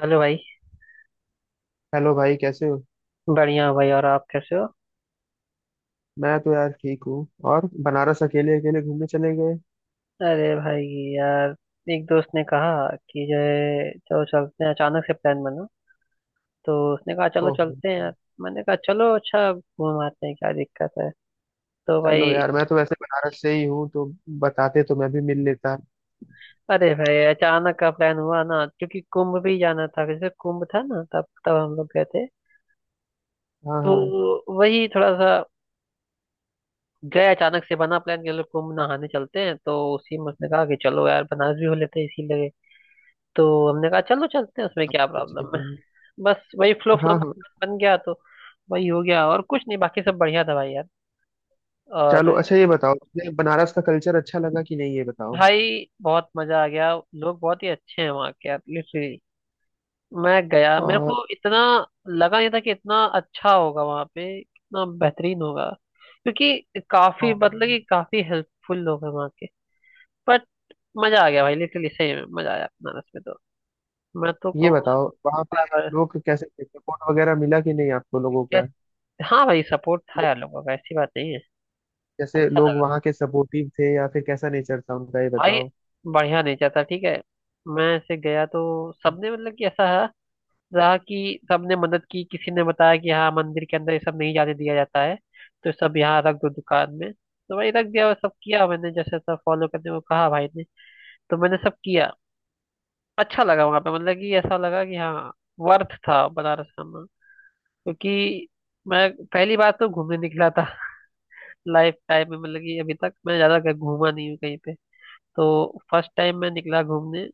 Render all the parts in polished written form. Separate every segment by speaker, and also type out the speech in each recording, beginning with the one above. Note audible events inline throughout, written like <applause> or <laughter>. Speaker 1: Hello भाई।
Speaker 2: Hello भाई, कैसे हो।
Speaker 1: बढ़िया हूँ भाई, और आप कैसे हो?
Speaker 2: मैं तो यार ठीक हूँ। और बनारस अकेले अकेले घूमने चले गए।
Speaker 1: अरे भाई, यार, एक दोस्त ने कहा कि जो है, चलो चलते हैं। अचानक से प्लान बना, तो उसने कहा चलो
Speaker 2: ओहो।
Speaker 1: चलते हैं यार। मैंने कहा चलो अच्छा घूम आते हैं, क्या दिक्कत है। तो
Speaker 2: चलो
Speaker 1: भाई,
Speaker 2: यार, मैं तो वैसे बनारस से ही हूँ, तो बताते तो मैं भी मिल लेता।
Speaker 1: अरे भाई, अचानक का प्लान हुआ ना, क्योंकि कुंभ भी जाना था। जैसे कुंभ था ना, तब तब हम लोग गए थे।
Speaker 2: हाँ हाँ।
Speaker 1: तो वही थोड़ा सा गए, अचानक से बना प्लान कि चलो कुंभ नहाने चलते हैं, तो उसी में उसने कहा कि चलो यार, बनारस भी हो लेते हैं, इसीलिए। तो हमने कहा चलो चलते हैं, उसमें क्या
Speaker 2: अच्छा
Speaker 1: प्रॉब्लम
Speaker 2: कि-।
Speaker 1: है। बस वही फ्लो फ्लो
Speaker 2: हाँ हाँ।
Speaker 1: बन गया, तो वही हो गया और कुछ नहीं, बाकी सब बढ़िया था भाई यार। और
Speaker 2: चलो अच्छा, ये बताओ तुम्हें बनारस का कल्चर अच्छा लगा कि नहीं, ये बताओ।
Speaker 1: भाई, बहुत मजा आ गया। लोग बहुत ही अच्छे हैं वहाँ के, यार, लिटरली। मैं गया, मेरे को
Speaker 2: और
Speaker 1: इतना लगा नहीं था कि इतना अच्छा होगा वहाँ पे, इतना बेहतरीन होगा। क्योंकि काफी, मतलब
Speaker 2: हाँ,
Speaker 1: कि काफी हेल्पफुल लोग हैं वहाँ के। बट मजा आ गया भाई, लिटरली सही में मजा आया बनारस में। तो मैं तो
Speaker 2: ये
Speaker 1: कहूँगा
Speaker 2: बताओ वहाँ पे
Speaker 1: पागल
Speaker 2: लोग कैसे थे, सपोर्ट वगैरह मिला कि नहीं आपको लोगों
Speaker 1: क्या-
Speaker 2: का।
Speaker 1: हाँ भाई, सपोर्ट था यार लोगों का, ऐसी बात नहीं है।
Speaker 2: जैसे
Speaker 1: अच्छा
Speaker 2: लोग
Speaker 1: लगा
Speaker 2: वहाँ के सपोर्टिव थे या फिर कैसा नेचर था उनका, ये
Speaker 1: भाई,
Speaker 2: बताओ।
Speaker 1: बढ़िया नेचा था, ठीक है। मैं ऐसे गया तो सबने, मतलब कि ऐसा है, रहा कि सबने मदद की। किसी ने बताया कि हाँ, मंदिर के अंदर ये सब नहीं जाने दिया जाता है, तो सब यहाँ रख दो दुकान में। तो भाई रख दिया और सब किया मैंने। जैसे सब फॉलो करने को कहा भाई ने, तो मैंने सब किया। अच्छा लगा वहां पे, मतलब कि ऐसा लगा कि हाँ, वर्थ था बनारस आना। क्योंकि मैं पहली बार तो घूमने निकला था <laughs> लाइफ टाइम में, मतलब कि अभी तक मैं ज्यादा कहीं घूमा नहीं हूँ कहीं पे। तो फर्स्ट टाइम मैं निकला घूमने।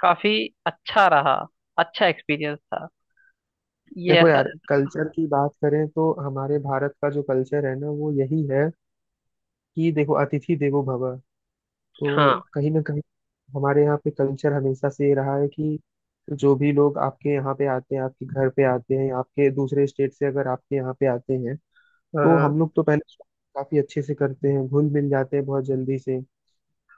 Speaker 1: काफी अच्छा रहा, अच्छा एक्सपीरियंस था, ये
Speaker 2: देखो
Speaker 1: ऐसा।
Speaker 2: यार, कल्चर की बात करें तो हमारे भारत का जो कल्चर है ना वो यही है कि देखो, अतिथि देवो भव।
Speaker 1: हाँ।
Speaker 2: तो कहीं ना कहीं हमारे यहाँ पे कल्चर हमेशा से ये रहा है कि जो भी लोग आपके यहाँ पे आते हैं, आपके घर पे आते हैं, आपके दूसरे स्टेट से अगर आपके यहाँ पे आते हैं, तो
Speaker 1: हाँ।
Speaker 2: हम लोग तो पहले काफी अच्छे से करते हैं, घुल मिल जाते हैं बहुत जल्दी से।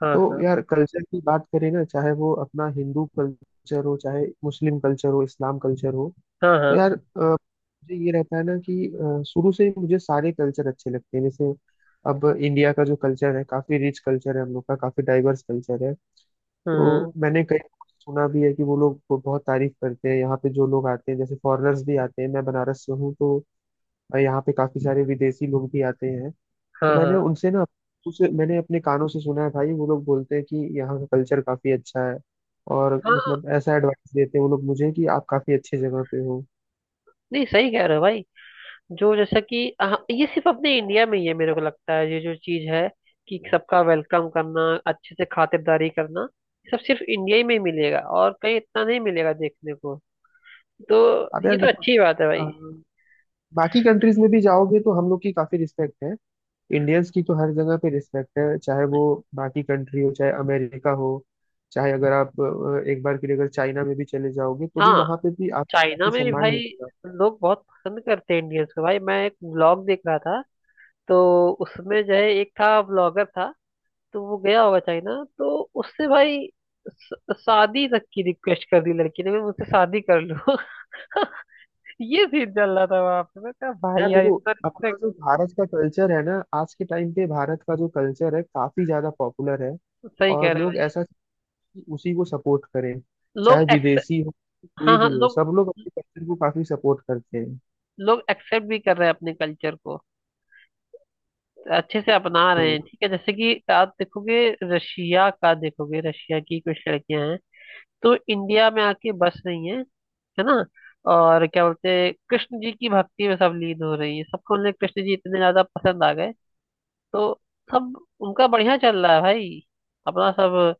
Speaker 1: हाँ।
Speaker 2: तो
Speaker 1: हाँ।
Speaker 2: यार, कल्चर की बात करें ना, चाहे वो अपना हिंदू कल्चर हो, चाहे मुस्लिम कल्चर हो, इस्लाम कल्चर हो,
Speaker 1: हाँ।
Speaker 2: तो
Speaker 1: हाँ।
Speaker 2: यार मुझे ये रहता है ना कि शुरू से ही मुझे सारे कल्चर अच्छे लगते हैं। जैसे अब इंडिया का जो कल्चर है, काफी रिच कल्चर है, हम लोग का काफी डाइवर्स कल्चर है।
Speaker 1: हाँ।
Speaker 2: तो मैंने कई सुना भी है कि वो लोग को बहुत तारीफ करते हैं, यहाँ पे जो लोग आते हैं, जैसे फॉरेनर्स भी आते हैं। मैं बनारस से हूँ, तो यहाँ पे काफी सारे विदेशी लोग भी आते हैं। तो
Speaker 1: हाँ। हाँ।
Speaker 2: मैंने
Speaker 1: हाँ।
Speaker 2: उनसे ना, उसे मैंने अपने कानों से सुना है भाई, वो लोग बोलते हैं कि यहाँ का कल्चर काफी अच्छा है। और
Speaker 1: हाँ।
Speaker 2: मतलब ऐसा एडवाइस देते हैं वो लोग मुझे कि आप काफी अच्छी जगह पे हो।
Speaker 1: नहीं, सही कह रहे हो भाई। जो जैसा कि, हाँ, ये सिर्फ अपने इंडिया में ही है, मेरे को लगता है ये जो चीज है कि सबका वेलकम करना, अच्छे से खातिरदारी करना, सब सिर्फ इंडिया ही में ही मिलेगा, और कहीं इतना नहीं मिलेगा देखने को। तो
Speaker 2: अब
Speaker 1: ये
Speaker 2: यार
Speaker 1: तो
Speaker 2: देखो,
Speaker 1: अच्छी बात है भाई।
Speaker 2: अ, बाकी कंट्रीज में भी जाओगे तो हम लोग की काफी रिस्पेक्ट है। इंडियंस की तो हर जगह पे रिस्पेक्ट है, चाहे वो बाकी कंट्री हो, चाहे अमेरिका हो, चाहे अगर आप एक बार के लिए अगर चाइना में भी चले जाओगे तो भी
Speaker 1: हाँ,
Speaker 2: वहां पे भी आपको
Speaker 1: चाइना
Speaker 2: काफी
Speaker 1: में भी
Speaker 2: सम्मान
Speaker 1: भाई
Speaker 2: मिलेगा।
Speaker 1: लोग बहुत पसंद करते हैं इंडियंस को। भाई, मैं एक व्लॉग देख रहा था। तो उसमें जो है, एक था, व्लॉगर था, तो वो गया होगा चाइना। तो उससे भाई शादी तक की रिक्वेस्ट कर दी लड़की ने, "भाई, मुझसे शादी कर लो।" <laughs> ये सीन चल रहा था वहां पे। मैं कहा भाई
Speaker 2: यार
Speaker 1: यार,
Speaker 2: देखो,
Speaker 1: इतना
Speaker 2: अपना
Speaker 1: रिस्पेक्ट।
Speaker 2: जो भारत का कल्चर है ना, आज के टाइम पे भारत का जो कल्चर है काफी ज्यादा पॉपुलर है।
Speaker 1: सही कह
Speaker 2: और
Speaker 1: रहा
Speaker 2: लोग
Speaker 1: है।
Speaker 2: ऐसा कि उसी को सपोर्ट करें,
Speaker 1: लोग
Speaker 2: चाहे
Speaker 1: एक्सेप्ट,
Speaker 2: विदेशी हो,
Speaker 1: हाँ
Speaker 2: कोई
Speaker 1: हाँ,
Speaker 2: भी हो,
Speaker 1: लोग
Speaker 2: सब लोग अपने कल्चर को काफी सपोर्ट करते हैं।
Speaker 1: लोग एक्सेप्ट भी कर रहे हैं अपने कल्चर को, अच्छे से अपना रहे हैं,
Speaker 2: हम्म।
Speaker 1: ठीक है। जैसे कि आप देखोगे, रशिया का देखोगे, रशिया की कुछ लड़कियां हैं, तो इंडिया में आके बस रही है ना? और क्या बोलते हैं, कृष्ण जी की भक्ति में सब लीन हो रही है, सबको, उन्हें कृष्ण जी इतने ज्यादा पसंद आ गए। तो सब, उनका बढ़िया चल रहा है भाई, अपना सब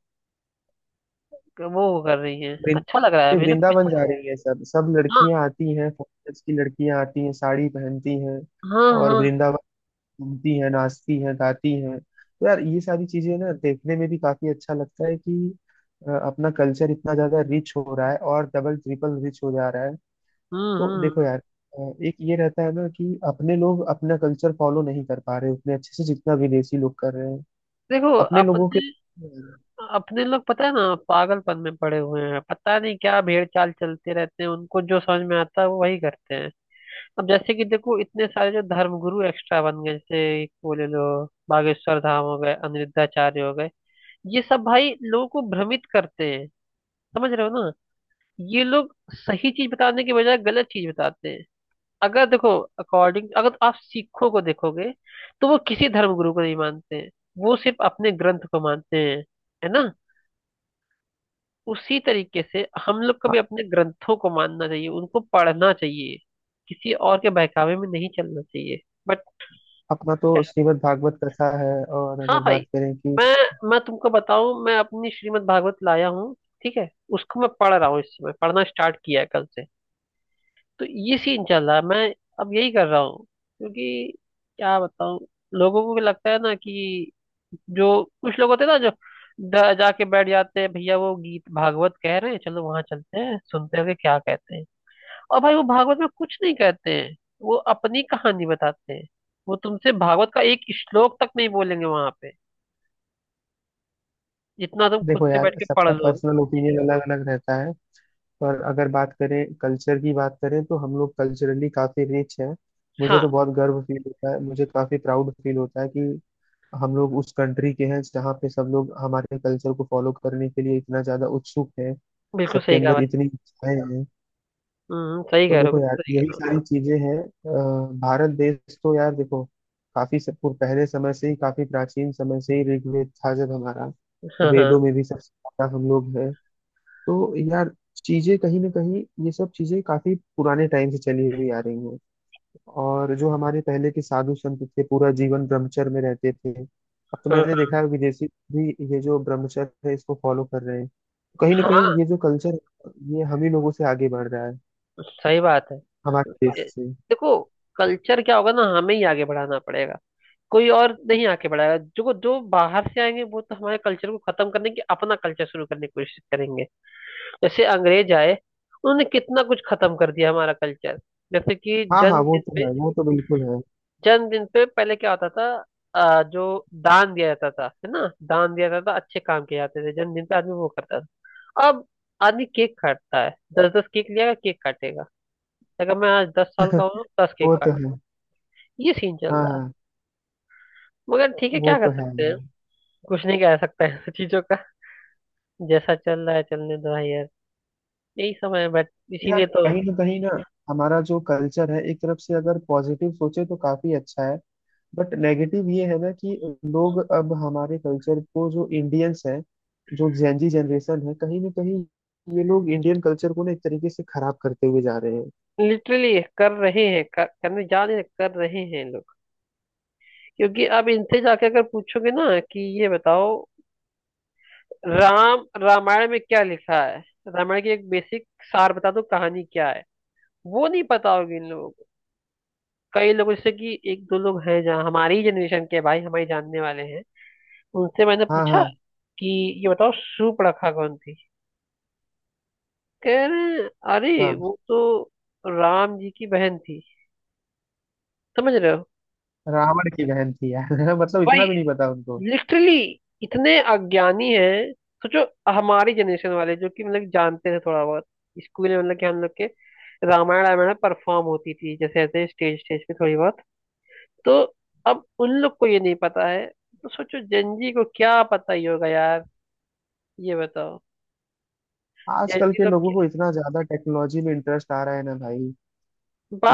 Speaker 1: वो कर रही है,
Speaker 2: वृं-,
Speaker 1: अच्छा लग रहा है
Speaker 2: ये
Speaker 1: मेरे को
Speaker 2: वृंदावन
Speaker 1: भी।
Speaker 2: जा रही है सब, सब
Speaker 1: हाँ।
Speaker 2: लड़कियां आती हैं, फॉरेनर्स की लड़कियां आती हैं, साड़ी पहनती हैं
Speaker 1: हाँ।
Speaker 2: और
Speaker 1: हाँ।
Speaker 2: वृंदावन घूमती हैं, नाचती हैं, गाती हैं। तो यार, ये सारी चीजें ना देखने में भी काफी अच्छा लगता है कि अपना कल्चर इतना ज्यादा रिच हो रहा है और डबल ट्रिपल रिच हो जा रहा है। तो देखो
Speaker 1: हम्म।
Speaker 2: यार, एक ये रहता है ना कि अपने लोग अपना कल्चर फॉलो नहीं कर पा रहे उतने अच्छे से जितना विदेशी लोग कर रहे हैं।
Speaker 1: देखो,
Speaker 2: अपने लोगों के
Speaker 1: अपने, अपने लोग पता है ना, पागलपन में पड़े हुए हैं, पता नहीं क्या भेड़ चाल चलते रहते हैं। उनको जो समझ में आता है वो वही करते हैं। अब जैसे कि देखो, इतने सारे जो धर्मगुरु एक्स्ट्रा बन गए, जैसे एक वो ले लो, बागेश्वर धाम हो गए, अनिरुद्धाचार्य हो गए, ये सब भाई लोगों को भ्रमित करते हैं, समझ रहे हो ना। ये लोग सही चीज बताने के बजाय गलत चीज बताते हैं। अगर देखो, अकॉर्डिंग, अगर आप सिखों को देखोगे, तो वो किसी धर्मगुरु को नहीं मानते हैं, वो सिर्फ अपने ग्रंथ को मानते हैं, है ना? उसी तरीके से हम लोग को
Speaker 2: हाँ,
Speaker 1: भी अपने ग्रंथों को मानना चाहिए, उनको पढ़ना चाहिए, किसी और के बहकावे में नहीं चलना चाहिए। बट
Speaker 2: अपना तो श्रीमद् भागवत कथा है। और
Speaker 1: हाँ
Speaker 2: अगर
Speaker 1: भाई,
Speaker 2: बात करें कि
Speaker 1: मैं मैं तुमको बताऊं, मैं अपनी श्रीमद् भागवत लाया हूँ, ठीक है। उसको मैं पढ़ रहा हूँ, इस समय पढ़ना स्टार्ट किया है कल से। तो ये सीन चल रहा है, मैं अब यही कर रहा हूँ। क्योंकि क्या बताऊं, लोगों को भी लगता है ना कि जो कुछ लोग होते हैं ना, जो जाके बैठ जाते हैं, भैया वो गीत भागवत कह रहे हैं, चलो वहां चलते हैं सुनते हैं कि क्या कहते हैं। और भाई, वो भागवत में कुछ नहीं कहते हैं, वो अपनी कहानी बताते हैं। वो तुमसे भागवत का एक श्लोक तक नहीं बोलेंगे वहां पे, जितना तुम खुद
Speaker 2: देखो
Speaker 1: से
Speaker 2: यार,
Speaker 1: बैठ के पढ़
Speaker 2: सबका
Speaker 1: लोगे।
Speaker 2: पर्सनल ओपिनियन अलग अलग रहता है, पर अगर बात करें, कल्चर की बात करें, तो हम लोग कल्चरली काफी रिच हैं। मुझे
Speaker 1: हाँ,
Speaker 2: तो बहुत गर्व फील होता है, मुझे काफी प्राउड फील होता है कि हम लोग उस कंट्री के हैं जहाँ पे सब लोग हमारे कल्चर को फॉलो करने के लिए इतना ज्यादा उत्सुक है,
Speaker 1: बिल्कुल
Speaker 2: सबके
Speaker 1: सही कहा
Speaker 2: अंदर
Speaker 1: भाई।
Speaker 2: इतनी इच्छाएं हैं।
Speaker 1: सही
Speaker 2: तो
Speaker 1: कह रहे हो,
Speaker 2: देखो यार,
Speaker 1: बिल्कुल सही कह
Speaker 2: यही
Speaker 1: रहे
Speaker 2: सारी चीजें हैं। भारत देश तो यार देखो, काफी सब पहले समय से ही, काफी प्राचीन समय से ही ऋग्वेद था जब हमारा,
Speaker 1: हो। हाँ। हाँ।
Speaker 2: वेदों में भी सबसे ज्यादा हम लोग, तो यार चीजें कहीं ना कहीं ये सब चीजें काफी पुराने टाइम से चली हुई आ रही हैं। और जो हमारे पहले के साधु संत थे, पूरा जीवन ब्रह्मचर्य में रहते थे। अब तो
Speaker 1: हाँ।
Speaker 2: मैंने
Speaker 1: हाँ।
Speaker 2: देखा है विदेशी भी ये जो ब्रह्मचर्य है इसको फॉलो कर रहे हैं। तो कहीं ना
Speaker 1: हाँ।
Speaker 2: कहीं
Speaker 1: हाँ।
Speaker 2: ये जो कल्चर, ये हम ही लोगों से आगे बढ़ रहा है,
Speaker 1: सही बात है।
Speaker 2: हमारे देश
Speaker 1: ए-
Speaker 2: से।
Speaker 1: देखो, कल्चर क्या होगा ना, हमें ही आगे बढ़ाना पड़ेगा। कोई और नहीं आके बढ़ाएगा, जो जो बाहर से आएंगे वो तो हमारे कल्चर को खत्म करने की, अपना कल्चर शुरू करने की कोशिश करेंगे। जैसे अंग्रेज आए, उन्होंने कितना कुछ खत्म कर दिया हमारा कल्चर। जैसे कि
Speaker 2: हाँ हाँ,
Speaker 1: जन्म
Speaker 2: वो
Speaker 1: दिन
Speaker 2: तो
Speaker 1: पे,
Speaker 2: है, वो तो बिल्कुल है।
Speaker 1: जन्मदिन पे पहले क्या होता था, जो दान दिया जाता था, है ना, दान दिया जाता था, अच्छे काम किए जाते थे जन्मदिन पे। आदमी वो करता था। अब आदमी केक काटता है, दस दस केक लिया, केक काटेगा। अगर मैं आज 10 साल का हूँ, दस
Speaker 2: वो
Speaker 1: केक
Speaker 2: तो
Speaker 1: काट,
Speaker 2: है।
Speaker 1: ये सीन चल
Speaker 2: हाँ
Speaker 1: रहा है।
Speaker 2: हाँ।
Speaker 1: मगर ठीक है,
Speaker 2: वो
Speaker 1: क्या कर
Speaker 2: तो है
Speaker 1: सकते हैं,
Speaker 2: यार।
Speaker 1: कुछ नहीं कह सकते हैं <laughs> चीजों का। जैसा चल रहा है चलने दो भाई यार, यही समय है। बट
Speaker 2: यार
Speaker 1: इसीलिए तो
Speaker 2: कहीं ना कहीं ना, हमारा जो कल्चर है एक तरफ से अगर पॉजिटिव सोचे तो काफी अच्छा है, बट नेगेटिव ये है ना कि लोग अब हमारे कल्चर को, जो इंडियंस हैं, जो जेंजी जनरेशन है, कहीं ना कहीं ये लोग इंडियन कल्चर को ना एक तरीके से खराब करते हुए जा रहे हैं।
Speaker 1: लिटरली कर रहे हैं, करने जा रहे हैं, कर रहे हैं लोग। क्योंकि अब इनसे जाके अगर पूछोगे ना कि ये बताओ, राम, रामायण में क्या लिखा है, रामायण की एक बेसिक सार बता दो, कहानी क्या है, वो नहीं पता होगी इन लोगों को। कई लोग जैसे कि एक दो लोग हैं, जहाँ हमारी ही जनरेशन के भाई हमारे जानने वाले हैं, उनसे मैंने
Speaker 2: हाँ
Speaker 1: पूछा
Speaker 2: हाँ
Speaker 1: कि ये बताओ शूर्पणखा कौन थी। कह रहे हैं, अरे
Speaker 2: हाँ।
Speaker 1: वो तो राम जी की बहन थी, समझ रहे हो।
Speaker 2: रावण की बहन थी यार। <laughs>
Speaker 1: तो
Speaker 2: मतलब
Speaker 1: भाई,
Speaker 2: इतना भी नहीं पता उनको।
Speaker 1: लिटरली इतने अज्ञानी हैं, सोचो। हमारी जनरेशन वाले जो कि मतलब जानते थे थोड़ा बहुत, स्कूल में, मतलब कि हम लोग के रामायण रामायण परफॉर्म होती थी जैसे, ऐसे स्टेज स्टेज पे थोड़ी बहुत। तो अब उन लोग को ये नहीं पता है, तो सोचो जनजी को क्या पता ही होगा यार। ये बताओ
Speaker 2: आजकल
Speaker 1: जनजी
Speaker 2: के
Speaker 1: लोग
Speaker 2: लोगों को इतना ज्यादा टेक्नोलॉजी में इंटरेस्ट आ रहा है ना भाई।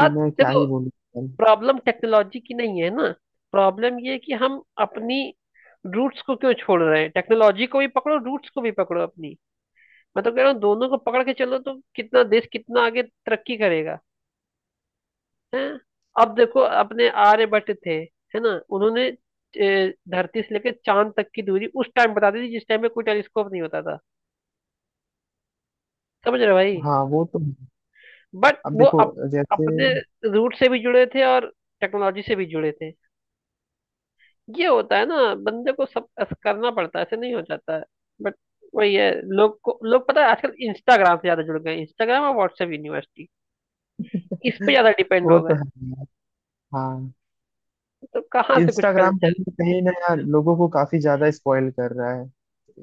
Speaker 2: ये मैं क्या
Speaker 1: देखो,
Speaker 2: ही बोलूं यार।
Speaker 1: प्रॉब्लम टेक्नोलॉजी की नहीं है ना। प्रॉब्लम ये है कि हम अपनी रूट्स को क्यों छोड़ रहे हैं, टेक्नोलॉजी को भी पकड़ो, रूट्स को भी पकड़ो अपनी। मैं तो कह रहा हूँ दोनों को पकड़ के चलो, तो कितना देश कितना आगे तरक्की करेगा है। अब देखो, अपने आर्यभट्ट थे, है ना, उन्होंने धरती से लेकर चांद तक की दूरी उस टाइम बता दी थी, जिस टाइम में कोई टेलीस्कोप नहीं होता था, समझ रहे हो भाई।
Speaker 2: हाँ वो तो,
Speaker 1: बट
Speaker 2: अब
Speaker 1: वो
Speaker 2: देखो जैसे,
Speaker 1: अपने रूट से भी जुड़े थे और टेक्नोलॉजी से भी जुड़े थे। ये होता है ना, बंदे को सब ऐसा करना पड़ता है, ऐसे नहीं हो जाता है। बट वही है, लोग को, लोग पता है, आजकल इंस्टाग्राम से ज्यादा जुड़ गए, इंस्टाग्राम और व्हाट्सएप यूनिवर्सिटी, इस पे
Speaker 2: <laughs>
Speaker 1: ज्यादा डिपेंड
Speaker 2: वो
Speaker 1: हो गए।
Speaker 2: तो है। हाँ,
Speaker 1: तो कहाँ से कुछ
Speaker 2: इंस्टाग्राम
Speaker 1: कल्चर।
Speaker 2: कहीं ना यार लोगों को काफी ज्यादा स्पॉइल कर रहा है।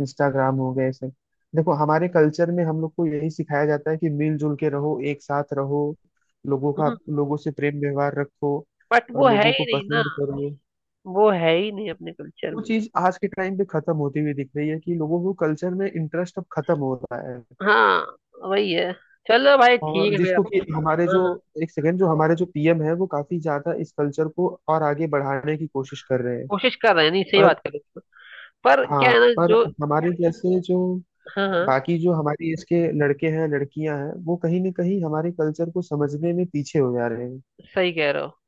Speaker 2: इंस्टाग्राम हो गए सब। देखो हमारे कल्चर में हम लोग को यही सिखाया जाता है कि मिलजुल के रहो, एक साथ रहो, लोगों का,
Speaker 1: हम्म।
Speaker 2: लोगों से प्रेम व्यवहार रखो
Speaker 1: बट
Speaker 2: और
Speaker 1: वो है
Speaker 2: लोगों
Speaker 1: ही
Speaker 2: को
Speaker 1: नहीं ना,
Speaker 2: पसंद करो।
Speaker 1: वो है ही नहीं अपने कल्चर
Speaker 2: वो
Speaker 1: में।
Speaker 2: चीज आज के टाइम पे खत्म होती हुई दिख रही है कि लोगों को कल्चर में इंटरेस्ट अब खत्म हो रहा है।
Speaker 1: हाँ, वही है, चलो भाई ठीक
Speaker 2: और
Speaker 1: है फिर।
Speaker 2: जिसको कि हमारे
Speaker 1: हाँ
Speaker 2: जो,
Speaker 1: हाँ,
Speaker 2: एक सेकेंड, जो हमारे जो पीएम है वो काफी ज्यादा इस कल्चर को और आगे बढ़ाने की कोशिश कर रहे हैं।
Speaker 1: कोशिश कर रहे हैं नहीं, सही
Speaker 2: पर
Speaker 1: बात कर रहे हो। पर क्या
Speaker 2: हाँ,
Speaker 1: है ना,
Speaker 2: पर
Speaker 1: जो,
Speaker 2: हमारे जैसे जो
Speaker 1: हाँ हाँ,
Speaker 2: बाकी, जो हमारी एज के लड़के हैं, लड़कियां हैं, वो कहीं ना कहीं हमारे कल्चर को समझने में पीछे हो जा रहे हैं।
Speaker 1: सही कह रहे हो,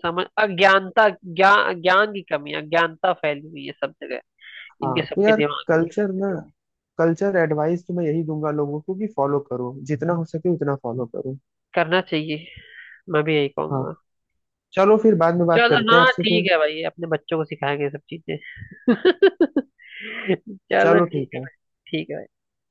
Speaker 1: समझ, अज्ञानता, ज्ञान ज्ञान की कमी, अज्ञानता फैली हुई है सब जगह,
Speaker 2: हाँ
Speaker 1: इनके
Speaker 2: तो
Speaker 1: सबके
Speaker 2: यार,
Speaker 1: दिमाग में।
Speaker 2: कल्चर ना, कल्चर एडवाइस तो मैं यही दूंगा लोगों को कि फॉलो करो, जितना हो सके उतना फॉलो करो।
Speaker 1: करना चाहिए, मैं भी यही
Speaker 2: हाँ,
Speaker 1: कहूंगा।
Speaker 2: चलो फिर बाद में बात
Speaker 1: चलो
Speaker 2: करते हैं
Speaker 1: हाँ,
Speaker 2: आपसे फिर।
Speaker 1: ठीक है भाई, अपने बच्चों को सिखाएंगे ये सब चीजें <laughs> चलो
Speaker 2: चलो
Speaker 1: ठीक
Speaker 2: ठीक
Speaker 1: है भाई।
Speaker 2: है।
Speaker 1: ठीक है भाई।